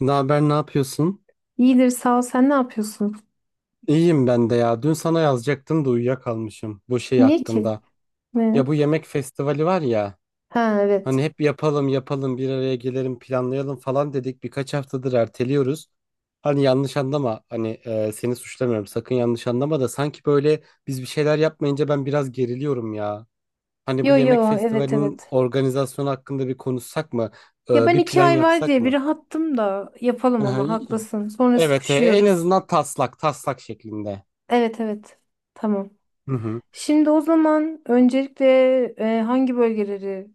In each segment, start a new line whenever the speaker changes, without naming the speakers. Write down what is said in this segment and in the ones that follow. Ne haber, ne yapıyorsun?
İyidir sağ ol. Sen ne yapıyorsun?
İyiyim ben de ya. Dün sana yazacaktım da uyuyakalmışım bu şey
Niye ki?
hakkında. Ya
Ne?
bu yemek festivali var ya.
Ha
Hani
evet.
hep yapalım yapalım bir araya gelelim planlayalım falan dedik. Birkaç haftadır erteliyoruz. Hani yanlış anlama. Hani seni suçlamıyorum. Sakın yanlış anlama da sanki böyle biz bir şeyler yapmayınca ben biraz geriliyorum ya. Hani bu
Yo
yemek
yo, evet
festivalinin
evet.
organizasyonu hakkında bir konuşsak mı?
Ya ben
Bir
iki
plan
ay var
yapsak
diye bir
mı?
rahattım da
Hı
yapalım ama
hı.
haklısın. Sonra
Evet, en
sıkışıyoruz.
azından taslak taslak şeklinde.
Evet evet. Tamam.
Hı hı.
Şimdi o zaman öncelikle hangi bölgeleri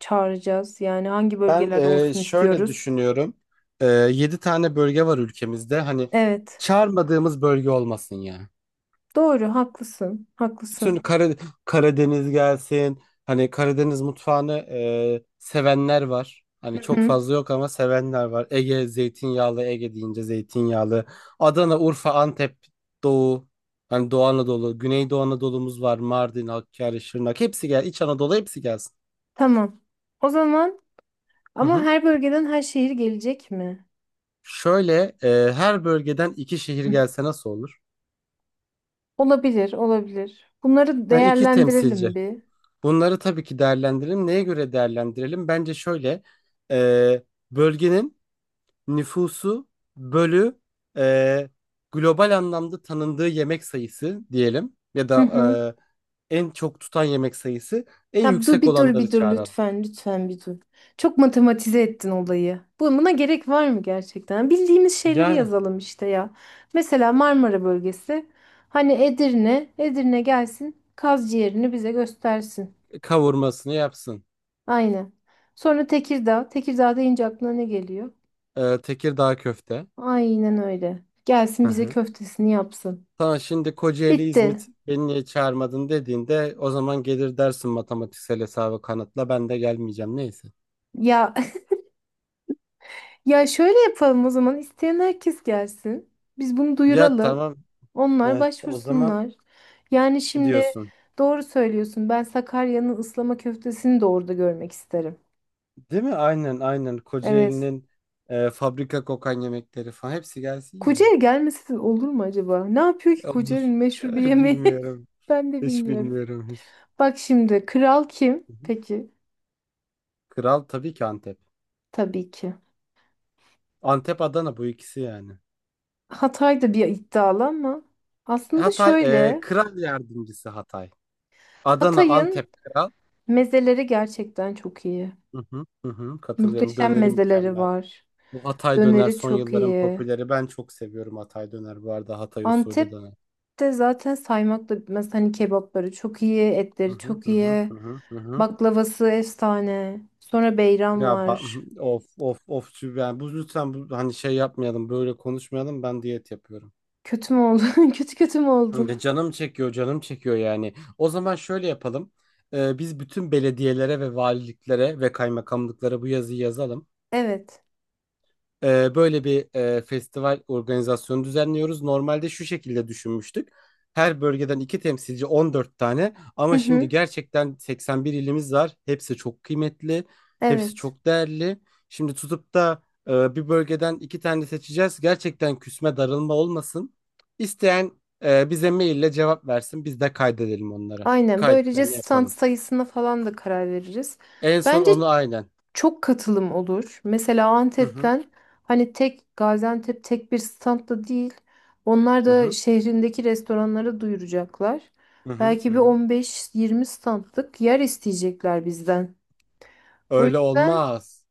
çağıracağız? Yani hangi
Ben
bölgeler olsun
şöyle
istiyoruz?
düşünüyorum. 7 tane bölge var ülkemizde. Hani
Evet.
çağırmadığımız bölge olmasın ya.
Doğru haklısın.
Bütün
Haklısın.
Karadeniz gelsin. Hani Karadeniz mutfağını sevenler var.
Hı
Hani çok
hı.
fazla yok ama sevenler var. Ege zeytinyağlı, Ege deyince zeytinyağlı. Adana, Urfa, Antep, Doğu. Hani Doğu Anadolu, Güneydoğu Anadolu'muz var. Mardin, Hakkari, Şırnak. Hepsi gel. İç Anadolu hepsi gelsin.
Tamam. O zaman
Hı
ama
hı.
her bölgeden her şehir gelecek mi?
Şöyle her bölgeden iki şehir gelse nasıl olur?
Olabilir, olabilir. Bunları
Ha, iki temsilci.
değerlendirelim bir.
Bunları tabii ki değerlendirelim. Neye göre değerlendirelim? Bence şöyle e, bölgenin nüfusu bölü e, global anlamda tanındığı yemek sayısı diyelim ya
Hı
da
hı.
en çok tutan yemek sayısı en
Ya dur
yüksek
bir dur bir
olanları
dur
çağıralım.
lütfen, lütfen bir dur. Çok matematize ettin olayı. Buna gerek var mı gerçekten? Bildiğimiz şeyleri
Yani
yazalım işte ya. Mesela Marmara bölgesi. Hani Edirne, Edirne gelsin, kaz ciğerini bize göstersin.
kavurmasını yapsın.
Aynen. Sonra Tekirdağ, Tekirdağ deyince aklına ne geliyor?
Tekirdağ köfte.
Aynen öyle. Gelsin
Hı
bize
hı.
köftesini yapsın.
Sana şimdi Kocaeli,
Bitti.
İzmit beni niye çağırmadın dediğinde o zaman gelir dersin matematiksel hesabı kanıtla ben de gelmeyeceğim neyse.
Ya Ya şöyle yapalım o zaman. İsteyen herkes gelsin. Biz bunu
Ya
duyuralım.
tamam.
Onlar
Evet, o zaman
başvursunlar. Yani şimdi
diyorsun.
doğru söylüyorsun. Ben Sakarya'nın ıslama köftesini de orada görmek isterim.
Değil mi? Aynen aynen.
Evet.
Kocaeli'nin fabrika kokan yemekleri falan hepsi gelsin yani.
Kocaeli gelmesi de olur mu acaba? Ne yapıyor ki Kocaeli'nin
Olur.
meşhur bir yemeği?
Bilmiyorum.
Ben de
Hiç
bilmiyorum.
bilmiyorum hiç.
Bak şimdi kral kim?
Hı hı.
Peki
Kral tabii ki Antep.
tabii ki.
Antep Adana bu ikisi yani.
Hatay da bir iddialı ama aslında
Hatay
şöyle.
kral yardımcısı Hatay. Adana Antep
Hatay'ın
kral.
mezeleri gerçekten çok iyi.
Hı hı, hı hı, katılıyorum.
Muhteşem
Döneri
mezeleri
mükemmel.
var.
Bu Hatay döner
Döneri
son
çok
yılların
iyi.
popüleri. Ben çok seviyorum Hatay döner, bu arada, Hatay usulü döner.
Antep'te zaten saymakla bitmez. Hani kebapları çok iyi,
Hı
etleri
hı,
çok
hı hı,
iyi.
hı hı, hı hı.
Baklavası efsane. Sonra beyran
Ya ba-
var.
yani bu lütfen bu, hani şey yapmayalım, böyle konuşmayalım, ben diyet yapıyorum.
Kötü mü oldun? Kötü mü oldun?
Ya canım çekiyor canım çekiyor yani. O zaman şöyle yapalım. Biz bütün belediyelere ve valiliklere ve kaymakamlıklara bu yazıyı yazalım.
Evet.
Böyle bir festival organizasyonu düzenliyoruz. Normalde şu şekilde düşünmüştük. Her bölgeden iki temsilci, 14 tane,
Hı
ama şimdi
hı.
gerçekten 81 ilimiz var. Hepsi çok kıymetli, hepsi
Evet.
çok değerli. Şimdi tutup da bir bölgeden iki tane seçeceğiz. Gerçekten küsme darılma olmasın. İsteyen bize maille cevap versin. Biz de kaydedelim onları.
Aynen. Böylece
Kayıtlarını
stand
yapalım.
sayısına falan da karar veririz.
En son
Bence
onu, aynen.
çok katılım olur. Mesela
Hı hı,
Antep'ten hani tek Gaziantep tek bir standta değil. Onlar
hı
da
hı,
şehrindeki restoranlara duyuracaklar.
hı hı,
Belki
hı
bir
hı.
15-20 standlık yer isteyecekler bizden. O
Öyle
yüzden
olmaz.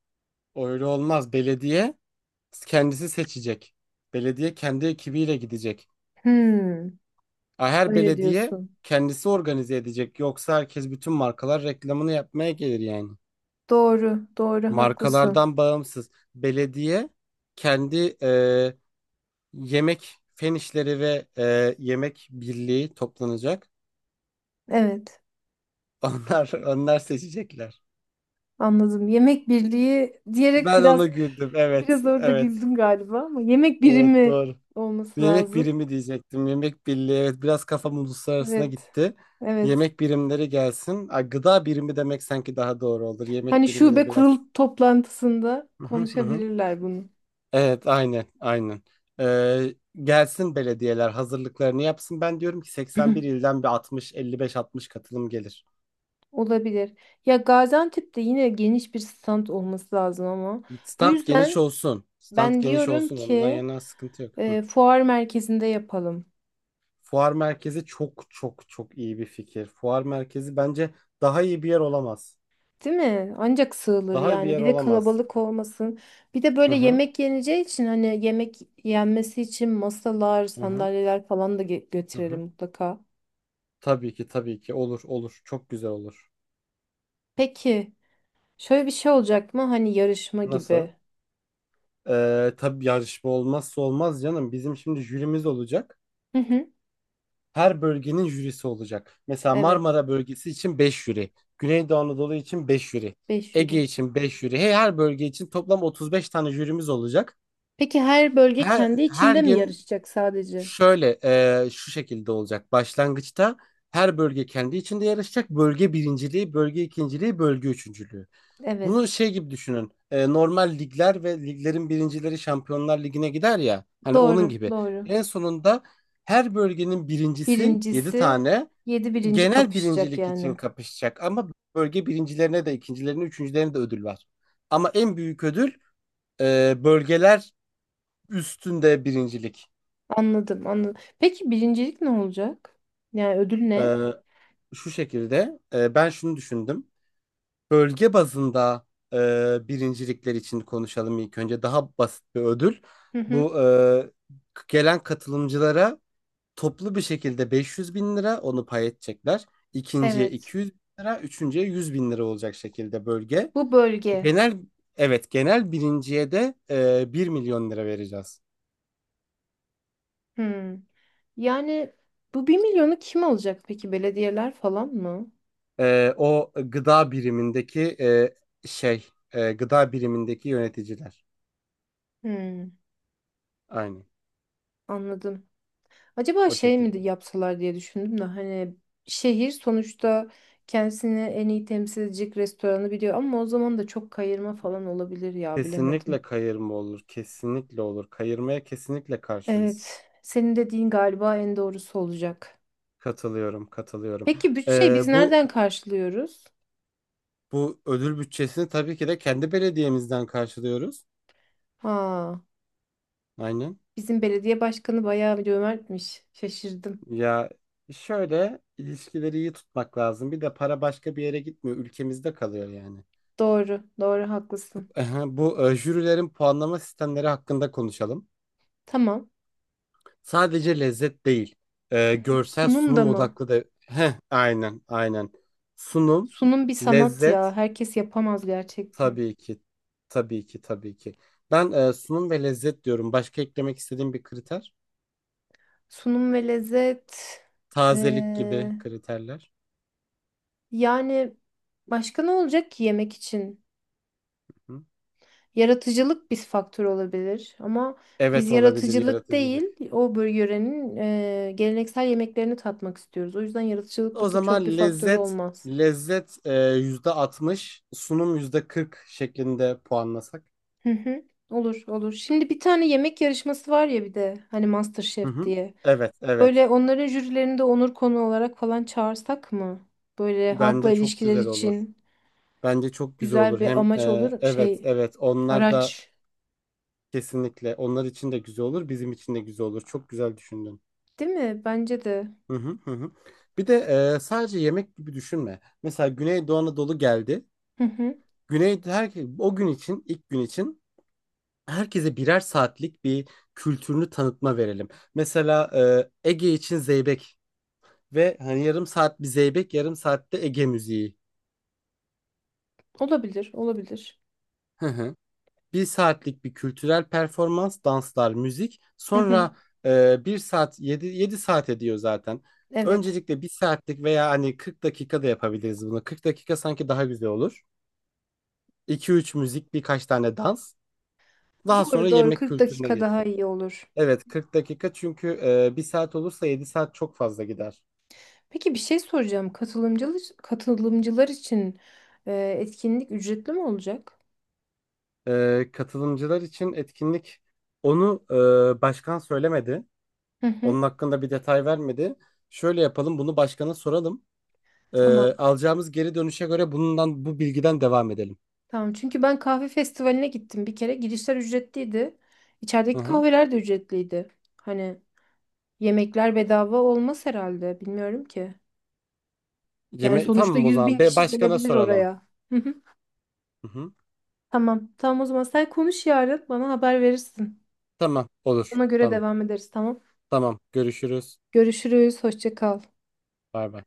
Öyle olmaz. Belediye kendisi seçecek. Belediye kendi ekibiyle gidecek.
hmm,
Ha, her
öyle
belediye
diyorsun.
kendisi organize edecek. Yoksa herkes, bütün markalar, reklamını yapmaya gelir yani.
Doğru, doğru haklısın.
Markalardan bağımsız. Belediye kendi yemek fen işleri ve yemek birliği toplanacak.
Evet,
Onlar seçecekler.
anladım. Yemek birliği diyerek
Ben ona
biraz
güldüm. Evet,
biraz orada
evet.
güldüm galiba ama yemek
Evet,
birimi
doğru.
olması
Yemek
lazım.
birimi diyecektim. Yemek birliği. Evet, biraz kafam uluslararasına
Evet.
gitti.
Evet.
Yemek birimleri gelsin. Ay, gıda birimi demek sanki daha doğru olur. Yemek
Hani
birimi de
şube kurul
biraz.
toplantısında
Hı hı hı hı.
konuşabilirler bunu.
Evet, aynen, aynen. Ee, Gelsin belediyeler, hazırlıklarını yapsın. Ben diyorum ki 81 ilden bir 60, 55-60 katılım gelir.
Olabilir. Ya Gaziantep'te yine geniş bir stand olması lazım ama. Bu
Stand geniş
yüzden
olsun. Stand
ben
geniş
diyorum
olsun. Ondan
ki
yana sıkıntı yok. Hı.
fuar merkezinde yapalım.
Fuar merkezi çok çok çok iyi bir fikir. Fuar merkezi bence daha iyi bir yer olamaz.
Değil mi? Ancak sığılır
Daha iyi bir
yani.
yer
Bir de
olamaz.
kalabalık olmasın. Bir de
Hı
böyle
hı,
yemek yeneceği için hani yemek yenmesi için masalar,
hı hı,
sandalyeler falan da
hı
götürelim
hı.
mutlaka.
Tabii ki tabii ki olur olur, çok güzel olur.
Peki şöyle bir şey olacak mı? Hani yarışma
Nasıl?
gibi.
Tabii yarışma olmazsa olmaz, canım. Bizim şimdi jürimiz olacak.
Hı hı.
Her bölgenin jürisi olacak. Mesela
Evet.
Marmara bölgesi için 5 jüri. Güneydoğu Anadolu için 5 jüri.
5 euro.
Ege için 5 jüri. Her bölge için toplam 35 tane jürimiz olacak.
Peki her bölge
Her,
kendi
her
içinde mi
gün
yarışacak sadece?
şöyle şu şekilde olacak. Başlangıçta her bölge kendi içinde yarışacak. Bölge birinciliği, bölge ikinciliği, bölge üçüncülüğü. Bunu
Evet.
şey gibi düşünün. Normal ligler ve liglerin birincileri Şampiyonlar Ligi'ne gider ya. Hani onun
Doğru,
gibi.
doğru.
En sonunda her bölgenin birincisi, 7
Birincisi
tane,
yedi birinci
genel
kapışacak
birincilik için
yani.
kapışacak. Ama bölge birincilerine de, ikincilerine, üçüncülerine de ödül var. Ama en büyük ödül bölgeler üstünde birincilik.
Anladım, anladım. Peki birincilik ne olacak? Yani ödül ne?
E, Şu şekilde, ben şunu düşündüm. Bölge bazında birincilikler için konuşalım ilk önce. Daha basit bir ödül.
Hı hı.
Bu, gelen katılımcılara toplu bir şekilde 500 bin lira, onu pay edecekler. İkinciye
Evet.
200 bin lira, üçüncüye 100 bin lira olacak şekilde, bölge.
Bu bölge.
Genel, evet, genel birinciye de 1 milyon lira vereceğiz.
Hmm. Yani bu 1 milyonu kim alacak peki? Belediyeler falan mı?
O gıda birimindeki gıda birimindeki yöneticiler.
Hmm.
Aynen,
Anladım. Acaba
o
şey mi
şekilde.
yapsalar diye düşündüm de hani şehir sonuçta kendisini en iyi temsil edecek restoranı biliyor ama o zaman da çok kayırma falan olabilir ya bilemedim.
Kesinlikle kayırma olur. Kesinlikle olur. Kayırmaya kesinlikle karşıyız.
Evet, senin dediğin galiba en doğrusu olacak.
Katılıyorum, katılıyorum.
Peki bütçeyi
Ee,
biz
bu
nereden karşılıyoruz?
bu ödül bütçesini tabii ki de kendi belediyemizden karşılıyoruz.
Ha,
Aynen.
bizim belediye başkanı bayağı bir cömertmiş. Şaşırdım.
Ya, şöyle, ilişkileri iyi tutmak lazım. Bir de para başka bir yere gitmiyor. Ülkemizde kalıyor yani.
Doğru, doğru haklısın.
Aha, bu jürilerin puanlama sistemleri hakkında konuşalım.
Tamam.
Sadece lezzet değil. Görsel
Sunum da
sunum
mı?
odaklı da. Heh, aynen, aynen. Sunum,
Sunum bir sanat
lezzet.
ya. Herkes yapamaz gerçekten.
Tabii ki. Tabii ki, tabii ki. Ben sunum ve lezzet diyorum. Başka eklemek istediğim bir kriter.
Sunum ve lezzet.
Tazelik
Ee,
gibi kriterler.
yani başka ne olacak ki yemek için?
Hı.
Yaratıcılık bir faktör olabilir ama biz
Evet, olabilir
yaratıcılık değil
yaratıcılık.
yörenin geleneksel yemeklerini tatmak istiyoruz. O yüzden yaratıcılık
O
burada çok bir
zaman
faktörü
lezzet
olmaz.
lezzet yüzde %60, sunum yüzde %40 şeklinde puanlasak.
Hı hı. Olur olur. Şimdi bir tane yemek yarışması var ya bir de hani
Hı
MasterChef
hı.
diye.
Evet, evet.
Böyle onların jürilerini de onur konu olarak falan çağırsak mı? Böyle halkla
Bence çok
ilişkiler
güzel olur.
için
Bence çok güzel
güzel
olur.
bir
Hem
amaç olur.
evet,
Şey
evet. Onlar da
Araç.
kesinlikle, onlar için de güzel olur, bizim için de güzel olur. Çok güzel düşündün.
Değil mi? Bence de.
Hı hı hı. Hı. Bir de sadece yemek gibi düşünme. Mesela Güneydoğu Anadolu geldi.
Hı hı.
Her o gün için, ilk gün için, herkese birer saatlik bir kültürünü tanıtma verelim. Mesela Ege için zeybek, ve hani yarım saat bir zeybek, yarım saatte Ege müziği.
Olabilir, olabilir.
Hı hı. Bir saatlik bir kültürel performans, danslar, müzik.
Hı hı.
Sonra bir saat, yedi saat ediyor zaten.
Evet.
Öncelikle bir saatlik veya hani 40 dakika da yapabiliriz bunu. 40 dakika sanki daha güzel olur. 2 üç müzik, birkaç tane dans. Daha sonra
Doğru, doğru.
yemek
40
kültürüne
dakika daha
geçeriz.
iyi olur.
Evet, 40 dakika, çünkü 1 saat olursa 7 saat çok fazla gider.
Peki bir şey soracağım. Katılımcılar için e, etkinlik ücretli mi olacak?
Katılımcılar için etkinlik, onu başkan söylemedi.
Hı hı.
Onun hakkında bir detay vermedi. Şöyle yapalım, bunu başkana soralım. E,
Tamam.
alacağımız geri dönüşe göre bu bilgiden devam edelim.
Tamam. Çünkü ben kahve festivaline gittim bir kere. Girişler ücretliydi.
Hı
İçerideki
hı.
kahveler de ücretliydi. Hani yemekler bedava olmaz herhalde. Bilmiyorum ki. Yani
Yeme
sonuçta
tamam o
100
zaman.
bin
Be,
kişi
başkana
gelebilir
soralım.
oraya.
Hı hı.
Tamam. Tamam o zaman sen konuş yarın bana haber verirsin.
Tamam, olur.
Ona göre
Tamam.
devam ederiz tamam.
Tamam. Görüşürüz.
Görüşürüz. Hoşça kal.
Bay bay.